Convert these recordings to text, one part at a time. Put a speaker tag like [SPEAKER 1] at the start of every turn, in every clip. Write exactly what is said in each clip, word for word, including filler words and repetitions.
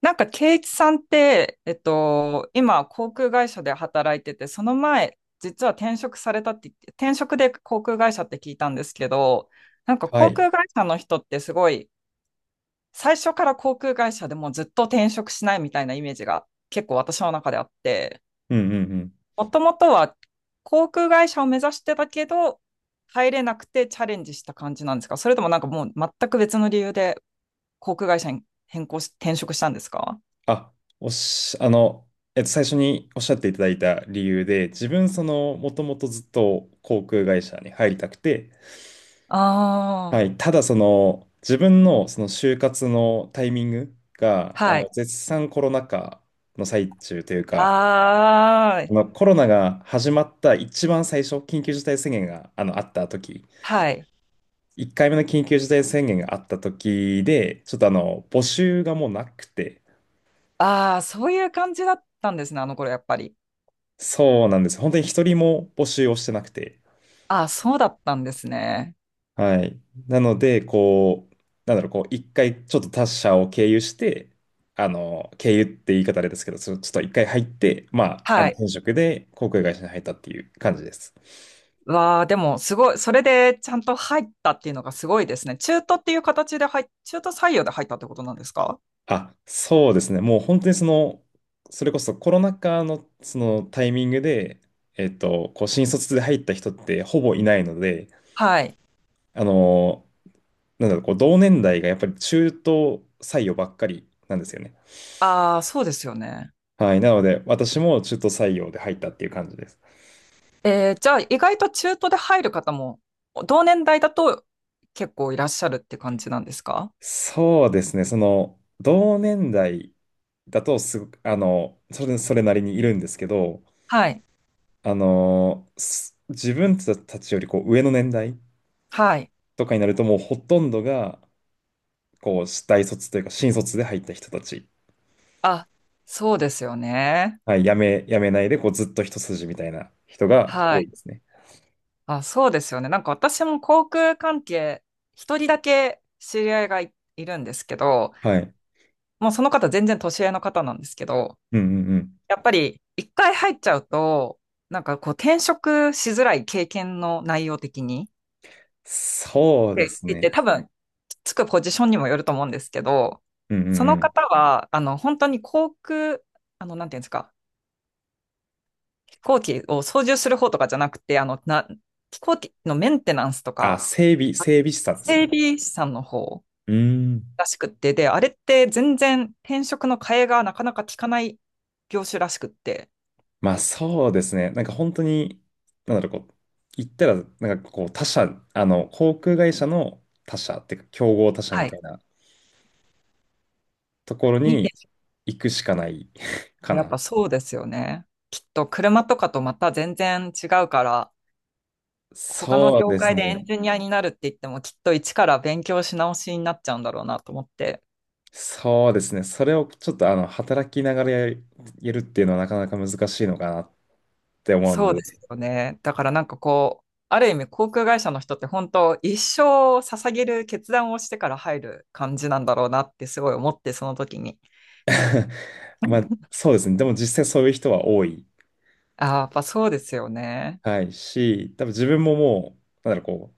[SPEAKER 1] なんか、圭一さんって、えっと、今、航空会社で働いてて、その前、実は転職されたって言って、転職で航空会社って聞いたんですけど、なんか
[SPEAKER 2] は
[SPEAKER 1] 航
[SPEAKER 2] い。
[SPEAKER 1] 空会社の人ってすごい、最初から航空会社でもうずっと転職しないみたいなイメージが結構私の中であって、
[SPEAKER 2] うんうんうん。
[SPEAKER 1] もともとは航空会社を目指してたけど、入れなくてチャレンジした感じなんですか？それともなんかもう全く別の理由で航空会社に変更し、転職したんですか？
[SPEAKER 2] あ、おし、あの、えっと、最初におっしゃっていただいた理由で、自分、その、もともとずっと航空会社に入りたくて、
[SPEAKER 1] ああ
[SPEAKER 2] は
[SPEAKER 1] ー。
[SPEAKER 2] い。ただ、その、自分の、その、就活のタイミングが、あ
[SPEAKER 1] は
[SPEAKER 2] の、
[SPEAKER 1] い。
[SPEAKER 2] 絶賛コロナ禍の最中というか、
[SPEAKER 1] ああ、
[SPEAKER 2] あのコロナが始まった一番最初、緊急事態宣言が、あの、あった時、
[SPEAKER 1] はい。
[SPEAKER 2] いっかいめの緊急事態宣言があった時で、ちょっと、あの、募集がもうなくて、
[SPEAKER 1] ああ、そういう感じだったんですね、あの頃やっぱり。
[SPEAKER 2] そうなんです。本当に一人も募集をしてなくて。
[SPEAKER 1] ああ、そうだったんですね。
[SPEAKER 2] はい。なので、こう、なんだろう、こう、一回ちょっと他社を経由して、あの、経由って言い方あれですけど、そのちょっと一回入って、まあ、あの、
[SPEAKER 1] はい。
[SPEAKER 2] 転職で航空会社に入ったっていう感じです。
[SPEAKER 1] わあ、でもすごい、それでちゃんと入ったっていうのがすごいですね。中途っていう形で入っ、中途採用で入ったってことなんですか？
[SPEAKER 2] あ、そうですね。もう本当にその、それこそコロナ禍のそのタイミングで、えっと、こう、新卒で入った人ってほぼいないので、
[SPEAKER 1] はい。
[SPEAKER 2] あの、なんだろう、こう、同年代がやっぱり中途採用ばっかりなんですよね。
[SPEAKER 1] ああ、そうですよね。
[SPEAKER 2] はい。なので、私も中途採用で入ったっていう感じです。
[SPEAKER 1] えー、じゃあ意外と中途で入る方も、同年代だと結構いらっしゃるって感じなんですか？
[SPEAKER 2] そうですね。その、同年代だとすごく、あの、それ、それなりにいるんですけど、
[SPEAKER 1] はい。
[SPEAKER 2] あの、す自分たちよりこう上の年代
[SPEAKER 1] はい。
[SPEAKER 2] とかになると、もうほとんどが、こう、大卒というか、新卒で入った人たち。
[SPEAKER 1] あ、そうですよね。
[SPEAKER 2] はい。辞め、辞めないで、こう、ずっと一筋みたいな人が
[SPEAKER 1] は
[SPEAKER 2] 多
[SPEAKER 1] い。
[SPEAKER 2] いですね。
[SPEAKER 1] あ、そうですよね。なんか私も航空関係、一人だけ知り合いがい、いるんですけど、
[SPEAKER 2] はい。
[SPEAKER 1] もうその方全然年上の方なんですけど、
[SPEAKER 2] うんうんうん。
[SPEAKER 1] やっぱり一回入っちゃうと、なんかこう転職しづらい経験の内容的に、
[SPEAKER 2] そ
[SPEAKER 1] っ
[SPEAKER 2] うで
[SPEAKER 1] て
[SPEAKER 2] す
[SPEAKER 1] 言って
[SPEAKER 2] ね。
[SPEAKER 1] 多分つくポジションにもよると思うんですけど、
[SPEAKER 2] うんう
[SPEAKER 1] そ
[SPEAKER 2] ん
[SPEAKER 1] の
[SPEAKER 2] うん。
[SPEAKER 1] 方は、あの、本当に航空、あの、なんていうんですか、飛行機を操縦する方とかじゃなくて、あの、な、飛行機のメンテナンスと
[SPEAKER 2] あ、
[SPEAKER 1] か、
[SPEAKER 2] 整備、整備士さんですか
[SPEAKER 1] 整
[SPEAKER 2] ね。
[SPEAKER 1] 備士さんの方、
[SPEAKER 2] うーん。
[SPEAKER 1] らしくって、で、あれって全然転職の替えがなかなか効かない業種らしくって、
[SPEAKER 2] まあそうですね。なんか本当に、なんだろう、こう、言ったら、なんかこう、他社、あの、航空会社の他社っていうか、競合他社み
[SPEAKER 1] はい。
[SPEAKER 2] たいなところ
[SPEAKER 1] に転
[SPEAKER 2] に
[SPEAKER 1] 職
[SPEAKER 2] 行くしかない か
[SPEAKER 1] やっ
[SPEAKER 2] な。
[SPEAKER 1] ぱそうですよね。きっと車とかとまた全然違うから、他の
[SPEAKER 2] そう
[SPEAKER 1] 業
[SPEAKER 2] です
[SPEAKER 1] 界でエン
[SPEAKER 2] ね。
[SPEAKER 1] ジニアになるって言っても、きっと一から勉強し直しになっちゃうんだろうなと思って。
[SPEAKER 2] そうですね。それをちょっと、あの、働きながらやるやるっていうのはなかなか難しいのかなって思う
[SPEAKER 1] そ
[SPEAKER 2] の
[SPEAKER 1] うです
[SPEAKER 2] で、
[SPEAKER 1] よね。だからなんかこう、ある意味航空会社の人って本当一生を捧げる決断をしてから入る感じなんだろうなってすごい思ってその時に。
[SPEAKER 2] まあそうですね。でも実際そういう人は多い。
[SPEAKER 1] ああ、やっぱそうですよね。
[SPEAKER 2] はい。し、多分自分ももう、なんだろう、こ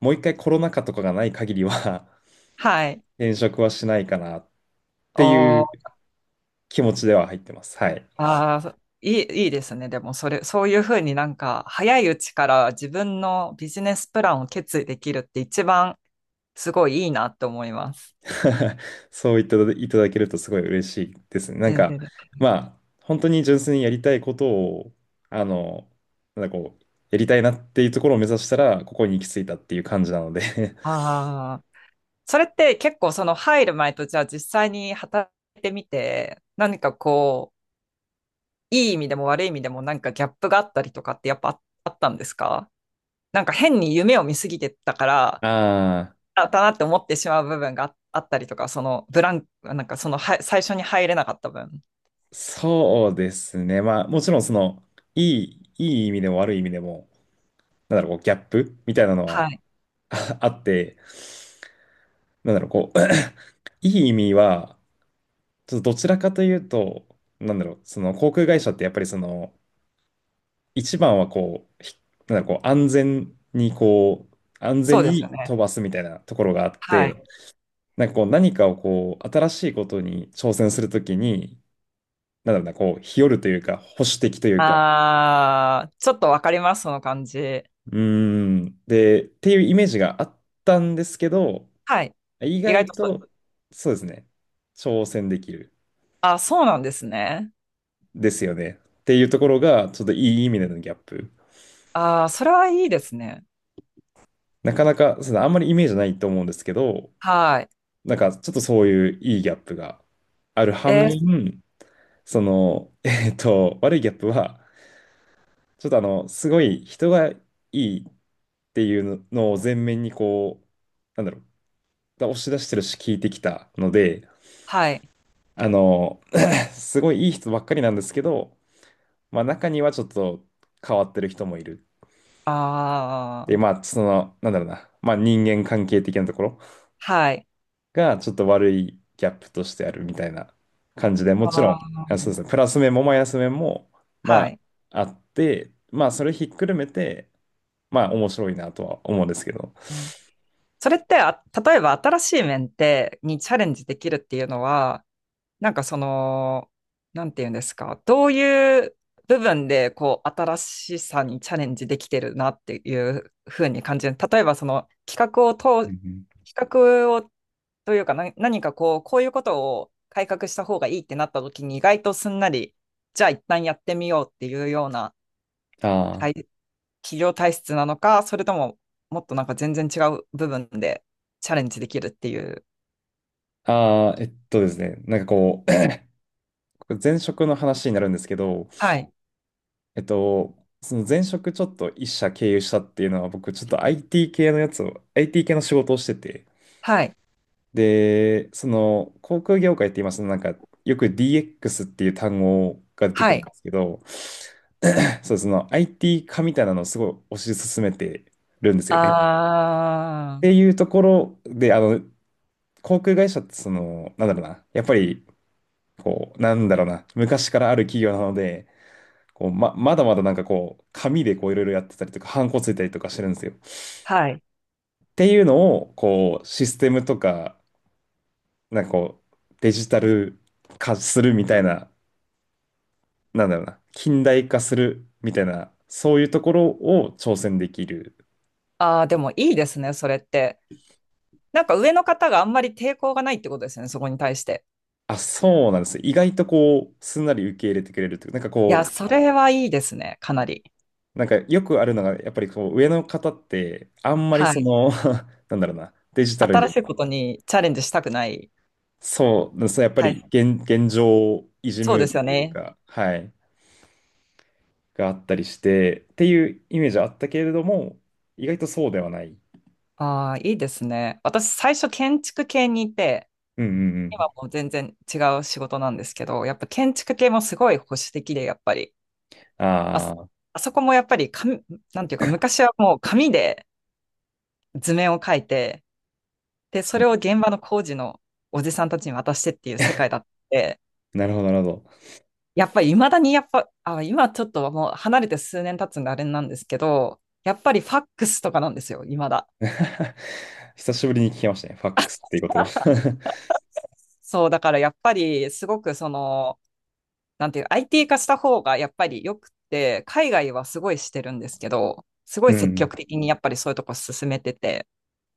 [SPEAKER 2] う、もう一回コロナ禍とかがない限りは
[SPEAKER 1] はい。
[SPEAKER 2] 転職はしないかなって
[SPEAKER 1] お
[SPEAKER 2] い
[SPEAKER 1] ー、
[SPEAKER 2] う気持ちでは入ってます。はい。
[SPEAKER 1] あー、いい、いいですね。でも、それ、そういうふうになんか、早いうちから自分のビジネスプランを決意できるって一番すごいいいなって思います。
[SPEAKER 2] そう言っていただけるとすごい嬉しいですね。なん
[SPEAKER 1] 全
[SPEAKER 2] か、
[SPEAKER 1] 然です。
[SPEAKER 2] まあ、本当に純粋にやりたいことを、あの、なんかこう、やりたいなっていうところを目指したら、ここに行き着いたっていう感じなので
[SPEAKER 1] ああ、それって結構その入る前とじゃあ実際に働いてみて、何かこう、いい意味でも悪い意味でもなんかギャップがあったりとかってやっぱああったんですか？なんか変に夢を見すぎてたか ら、
[SPEAKER 2] ああ、
[SPEAKER 1] だったなって思ってしまう部分がああったりとか、そのブランク、なんかそのは最初に入れなかった分。
[SPEAKER 2] そうですね。まあ、もちろん、その、いい、いい意味でも悪い意味でも、なんだろう、こう、ギャップみたいなの
[SPEAKER 1] は
[SPEAKER 2] は
[SPEAKER 1] い。
[SPEAKER 2] ああって、なんだろう、こう、いい意味は、ちょっとどちらかというと、なんだろう、その航空会社ってやっぱりその、一番はこう、ひなんだろう、こう安全にこう、安
[SPEAKER 1] そ
[SPEAKER 2] 全
[SPEAKER 1] うです
[SPEAKER 2] に
[SPEAKER 1] よ
[SPEAKER 2] 飛
[SPEAKER 1] ね。
[SPEAKER 2] ばすみたいなところがあっ
[SPEAKER 1] は
[SPEAKER 2] て、
[SPEAKER 1] い。
[SPEAKER 2] なんかこう何かをこう、新しいことに挑戦するときに、なんだろうな、こう、日和るというか、保守的というか、
[SPEAKER 1] あー、ちょっとわかります、その感じ。
[SPEAKER 2] うーん、で、っていうイメージがあったんですけど、
[SPEAKER 1] はい。
[SPEAKER 2] 意
[SPEAKER 1] 意外
[SPEAKER 2] 外
[SPEAKER 1] とそ
[SPEAKER 2] と、
[SPEAKER 1] う。
[SPEAKER 2] そうですね、挑戦できる
[SPEAKER 1] あ、そうなんですね。
[SPEAKER 2] ですよね。っていうところが、ちょっといい意味でのギャップ。
[SPEAKER 1] あー、それはいいですね。
[SPEAKER 2] なかなか、そうですね、あんまりイメージないと思うんですけど、
[SPEAKER 1] はい。
[SPEAKER 2] なんかちょっとそういういいギャップがある反
[SPEAKER 1] えー、
[SPEAKER 2] 面、その、えっと、悪いギャップは、ちょっとあの、すごい人がいいっていうのを前面にこう、なんだろう、押し出してるし聞いてきたので、
[SPEAKER 1] はい。
[SPEAKER 2] あの、すごいいい人ばっかりなんですけど、まあ中にはちょっと変わってる人もいる。
[SPEAKER 1] あ
[SPEAKER 2] で、
[SPEAKER 1] ー、
[SPEAKER 2] まあその、なんだろうな、まあ人間関係的なところ
[SPEAKER 1] はい。
[SPEAKER 2] がちょっと悪いギャップとしてあるみたいな感じで、もちろん、
[SPEAKER 1] あー、
[SPEAKER 2] あ、そうですね、プラス面もマイナス面も、ま
[SPEAKER 1] は
[SPEAKER 2] あ、
[SPEAKER 1] い。
[SPEAKER 2] あって、まあ、それひっくるめて、まあ、面白いなとは思うんですけど。
[SPEAKER 1] うん。それって、あ、例えば新しい面ってにチャレンジできるっていうのは、なんかその、なんていうんですか、どういう部分でこう新しさにチャレンジできてるなっていうふうに感じる。例えばその企画を
[SPEAKER 2] うん
[SPEAKER 1] 通、
[SPEAKER 2] うん、
[SPEAKER 1] 企画をというかな何かこう、こういうことを改革した方がいいってなった時に意外とすんなり、じゃあ一旦やってみようっていうような
[SPEAKER 2] あー
[SPEAKER 1] 体企業体質なのか、それとももっとなんか全然違う部分でチャレンジできるっていう。
[SPEAKER 2] あー。あ、えっとですね、なんかこう、これ前職の話になるんですけど、
[SPEAKER 1] はい。
[SPEAKER 2] えっと、その前職ちょっと一社経由したっていうのは、僕ちょっと アイティー 系のやつを、アイティー 系の仕事をしてて、
[SPEAKER 1] はい。
[SPEAKER 2] で、その航空業界って今、そのなんか、よく ディーエックス っていう単語が出てく
[SPEAKER 1] は
[SPEAKER 2] る
[SPEAKER 1] い。
[SPEAKER 2] んですけど、そう、その アイティー 化みたいなのをすごい推し進めてるんですよね。っ
[SPEAKER 1] ああ。
[SPEAKER 2] ていうところで、あの、航空会社ってその、なんだろうな、やっぱり、こう、なんだろうな、昔からある企業なので、こう、ま、まだまだなんかこう、紙でこう、いろいろやってたりとか、ハンコついたりとかしてるんですよ。っ
[SPEAKER 1] はい。
[SPEAKER 2] ていうのを、こう、システムとか、なんかこう、デジタル化するみたいな、なんだろうな、近代化するみたいな、そういうところを挑戦できる。
[SPEAKER 1] ああ、でもいいですね、それって。なんか上の方があんまり抵抗がないってことですね、そこに対して。
[SPEAKER 2] あ、そうなんです。意外とこう、すんなり受け入れてくれるというか、なんか
[SPEAKER 1] いや、
[SPEAKER 2] こ
[SPEAKER 1] それはいいですね、かなり。
[SPEAKER 2] う、なんかよくあるのが、やっぱりこう、上の方って、あんまり
[SPEAKER 1] は
[SPEAKER 2] そ
[SPEAKER 1] い。
[SPEAKER 2] の、なんだろうな、デジタル
[SPEAKER 1] 新
[SPEAKER 2] に、
[SPEAKER 1] しいことにチャレンジしたくない。
[SPEAKER 2] そう、そうやっぱ
[SPEAKER 1] は
[SPEAKER 2] り
[SPEAKER 1] い。
[SPEAKER 2] 現、現状維持ム
[SPEAKER 1] そう
[SPEAKER 2] ー
[SPEAKER 1] で
[SPEAKER 2] ビ
[SPEAKER 1] す
[SPEAKER 2] ー
[SPEAKER 1] よ
[SPEAKER 2] という
[SPEAKER 1] ね。
[SPEAKER 2] か、はい、があったりして、っていうイメージはあったけれども、意外とそうではない。
[SPEAKER 1] ああ、いいですね。私、最初建築系にいて、
[SPEAKER 2] うんうんう
[SPEAKER 1] 今
[SPEAKER 2] ん。
[SPEAKER 1] もう全然違う仕事なんですけど、やっぱ建築系もすごい保守的で、やっぱり。あそ、
[SPEAKER 2] ああ、
[SPEAKER 1] あそこもやっぱり紙、なんていうか、昔はもう紙で図面を描いて、で、それを現場の工事のおじさんたちに渡してっていう世界だって、
[SPEAKER 2] なるほど、なるほど。
[SPEAKER 1] やっぱり未だにやっぱ、あ、今ちょっともう離れて数年経つんであれなんですけど、やっぱりファックスとかなんですよ、未だ。
[SPEAKER 2] 久しぶりに聞きましたね。ファックスっていう言葉。
[SPEAKER 1] そう、だからやっぱりすごくその、なんていう、アイティー 化した方がやっぱり良くて、海外はすごいしてるんですけど、す ご
[SPEAKER 2] う
[SPEAKER 1] い積
[SPEAKER 2] ん。
[SPEAKER 1] 極的にやっぱりそういうとこ進めてて、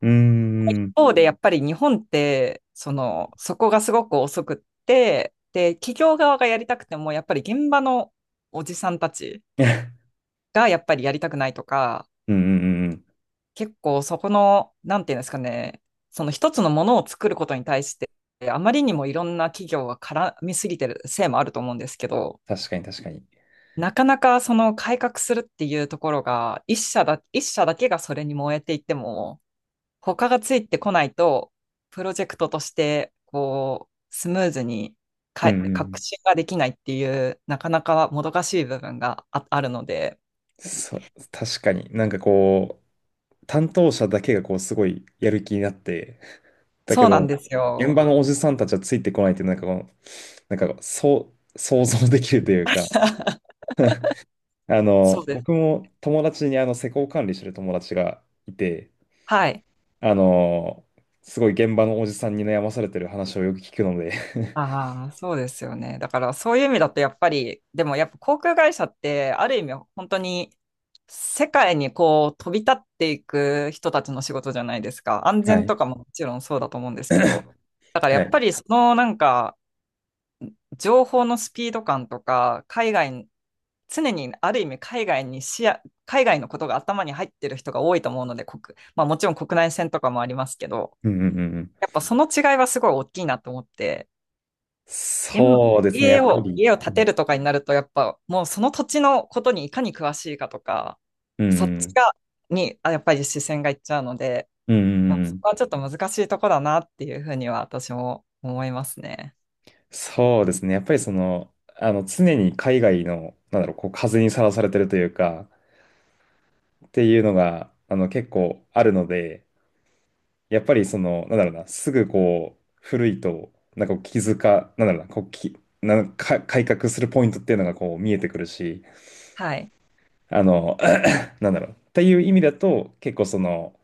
[SPEAKER 2] うん。うーん。
[SPEAKER 1] 方でやっぱり日本って、その、そこがすごく遅くって、で、企業側がやりたくても、やっぱり現場のおじさんたち がやっぱりやりたくないとか、
[SPEAKER 2] うんうんうん。
[SPEAKER 1] 結構そこの、なんていうんですかね、その一つのものを作ることに対して、あまりにもいろんな企業が絡みすぎてるせいもあると思うんですけど、
[SPEAKER 2] 確かに、確かに。
[SPEAKER 1] なかなかその改革するっていうところが、一社だ、一社だけがそれに燃えていても、他がついてこないと、プロジェクトとして、こう、スムーズに
[SPEAKER 2] う
[SPEAKER 1] か、
[SPEAKER 2] んう
[SPEAKER 1] 革
[SPEAKER 2] ん。
[SPEAKER 1] 新ができないっていう、なかなかもどかしい部分があ、あるので、
[SPEAKER 2] そう、確かに。なんかこう、担当者だけがこう、すごいやる気になって、だけ
[SPEAKER 1] そうなん
[SPEAKER 2] ど、
[SPEAKER 1] です
[SPEAKER 2] 現
[SPEAKER 1] よ。
[SPEAKER 2] 場のおじさんたちはついてこないって、なんかこう、なんかそう、想像できるというか、あの、
[SPEAKER 1] そうです。
[SPEAKER 2] 僕も友達にあの、施工管理してる友達がいて、
[SPEAKER 1] はい。
[SPEAKER 2] あのーすごい現場のおじさんに悩まされてる話をよく聞くので
[SPEAKER 1] ああ、そうですよね。だからそういう意味だとやっぱり、でもやっぱ航空会社ってある意味本当に世界にこう飛び立っていく人たちの仕事じゃないですか。安
[SPEAKER 2] は
[SPEAKER 1] 全
[SPEAKER 2] い。
[SPEAKER 1] とかももちろんそうだと思うんで すけど。だからや
[SPEAKER 2] は
[SPEAKER 1] っぱ
[SPEAKER 2] い。
[SPEAKER 1] りそのなんか情報のスピード感とか、海外、常にある意味海外に視野、海外のことが頭に入ってる人が多いと思うので、国、まあもちろん国内線とかもありますけど、
[SPEAKER 2] うんうんうんうん。
[SPEAKER 1] やっぱその違いはすごい大きいなと思って、今
[SPEAKER 2] そうですね、や
[SPEAKER 1] 家
[SPEAKER 2] っぱ
[SPEAKER 1] を、
[SPEAKER 2] り。
[SPEAKER 1] 家を
[SPEAKER 2] う
[SPEAKER 1] 建て
[SPEAKER 2] ん。
[SPEAKER 1] るとかになると、やっぱもうその土地のことにいかに詳しいかとか、
[SPEAKER 2] う
[SPEAKER 1] そっち
[SPEAKER 2] ん
[SPEAKER 1] が、に、あやっぱり視線がいっちゃうので、
[SPEAKER 2] うんう
[SPEAKER 1] ま
[SPEAKER 2] ん
[SPEAKER 1] あ、
[SPEAKER 2] う
[SPEAKER 1] そ
[SPEAKER 2] ん。
[SPEAKER 1] こはちょっと難しいとこだなっていうふうには私も思いますね。
[SPEAKER 2] そうですね、やっぱりその、あの、常に海外の、なんだろう、こう、風にさらされてるというか、っていうのが、あの、結構あるので、やっぱりその、なんだろうな、すぐこう、古いと、なんかこう気づか、なんだろうな、こう、き、なんか改革するポイントっていうのがこう見えてくるし、
[SPEAKER 1] はい。
[SPEAKER 2] あの、なんだろう。っていう意味だと、結構その、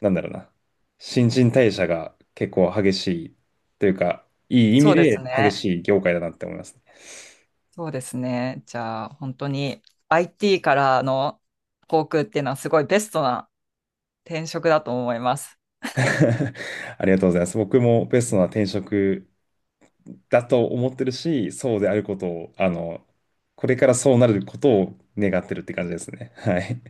[SPEAKER 2] なんだろうな。新陳代謝が結構激しいというか、いい意
[SPEAKER 1] そ
[SPEAKER 2] 味
[SPEAKER 1] うで
[SPEAKER 2] で
[SPEAKER 1] す
[SPEAKER 2] 激
[SPEAKER 1] ね。
[SPEAKER 2] しい業界だなって思いますね。
[SPEAKER 1] そうですね。じゃあ、本当に アイティー からの航空っていうのはすごいベストな転職だと思います。
[SPEAKER 2] ありがとうございます。僕もベストな転職だと思ってるし、そうであることを、あの、これからそうなることを願ってるって感じですね。はい。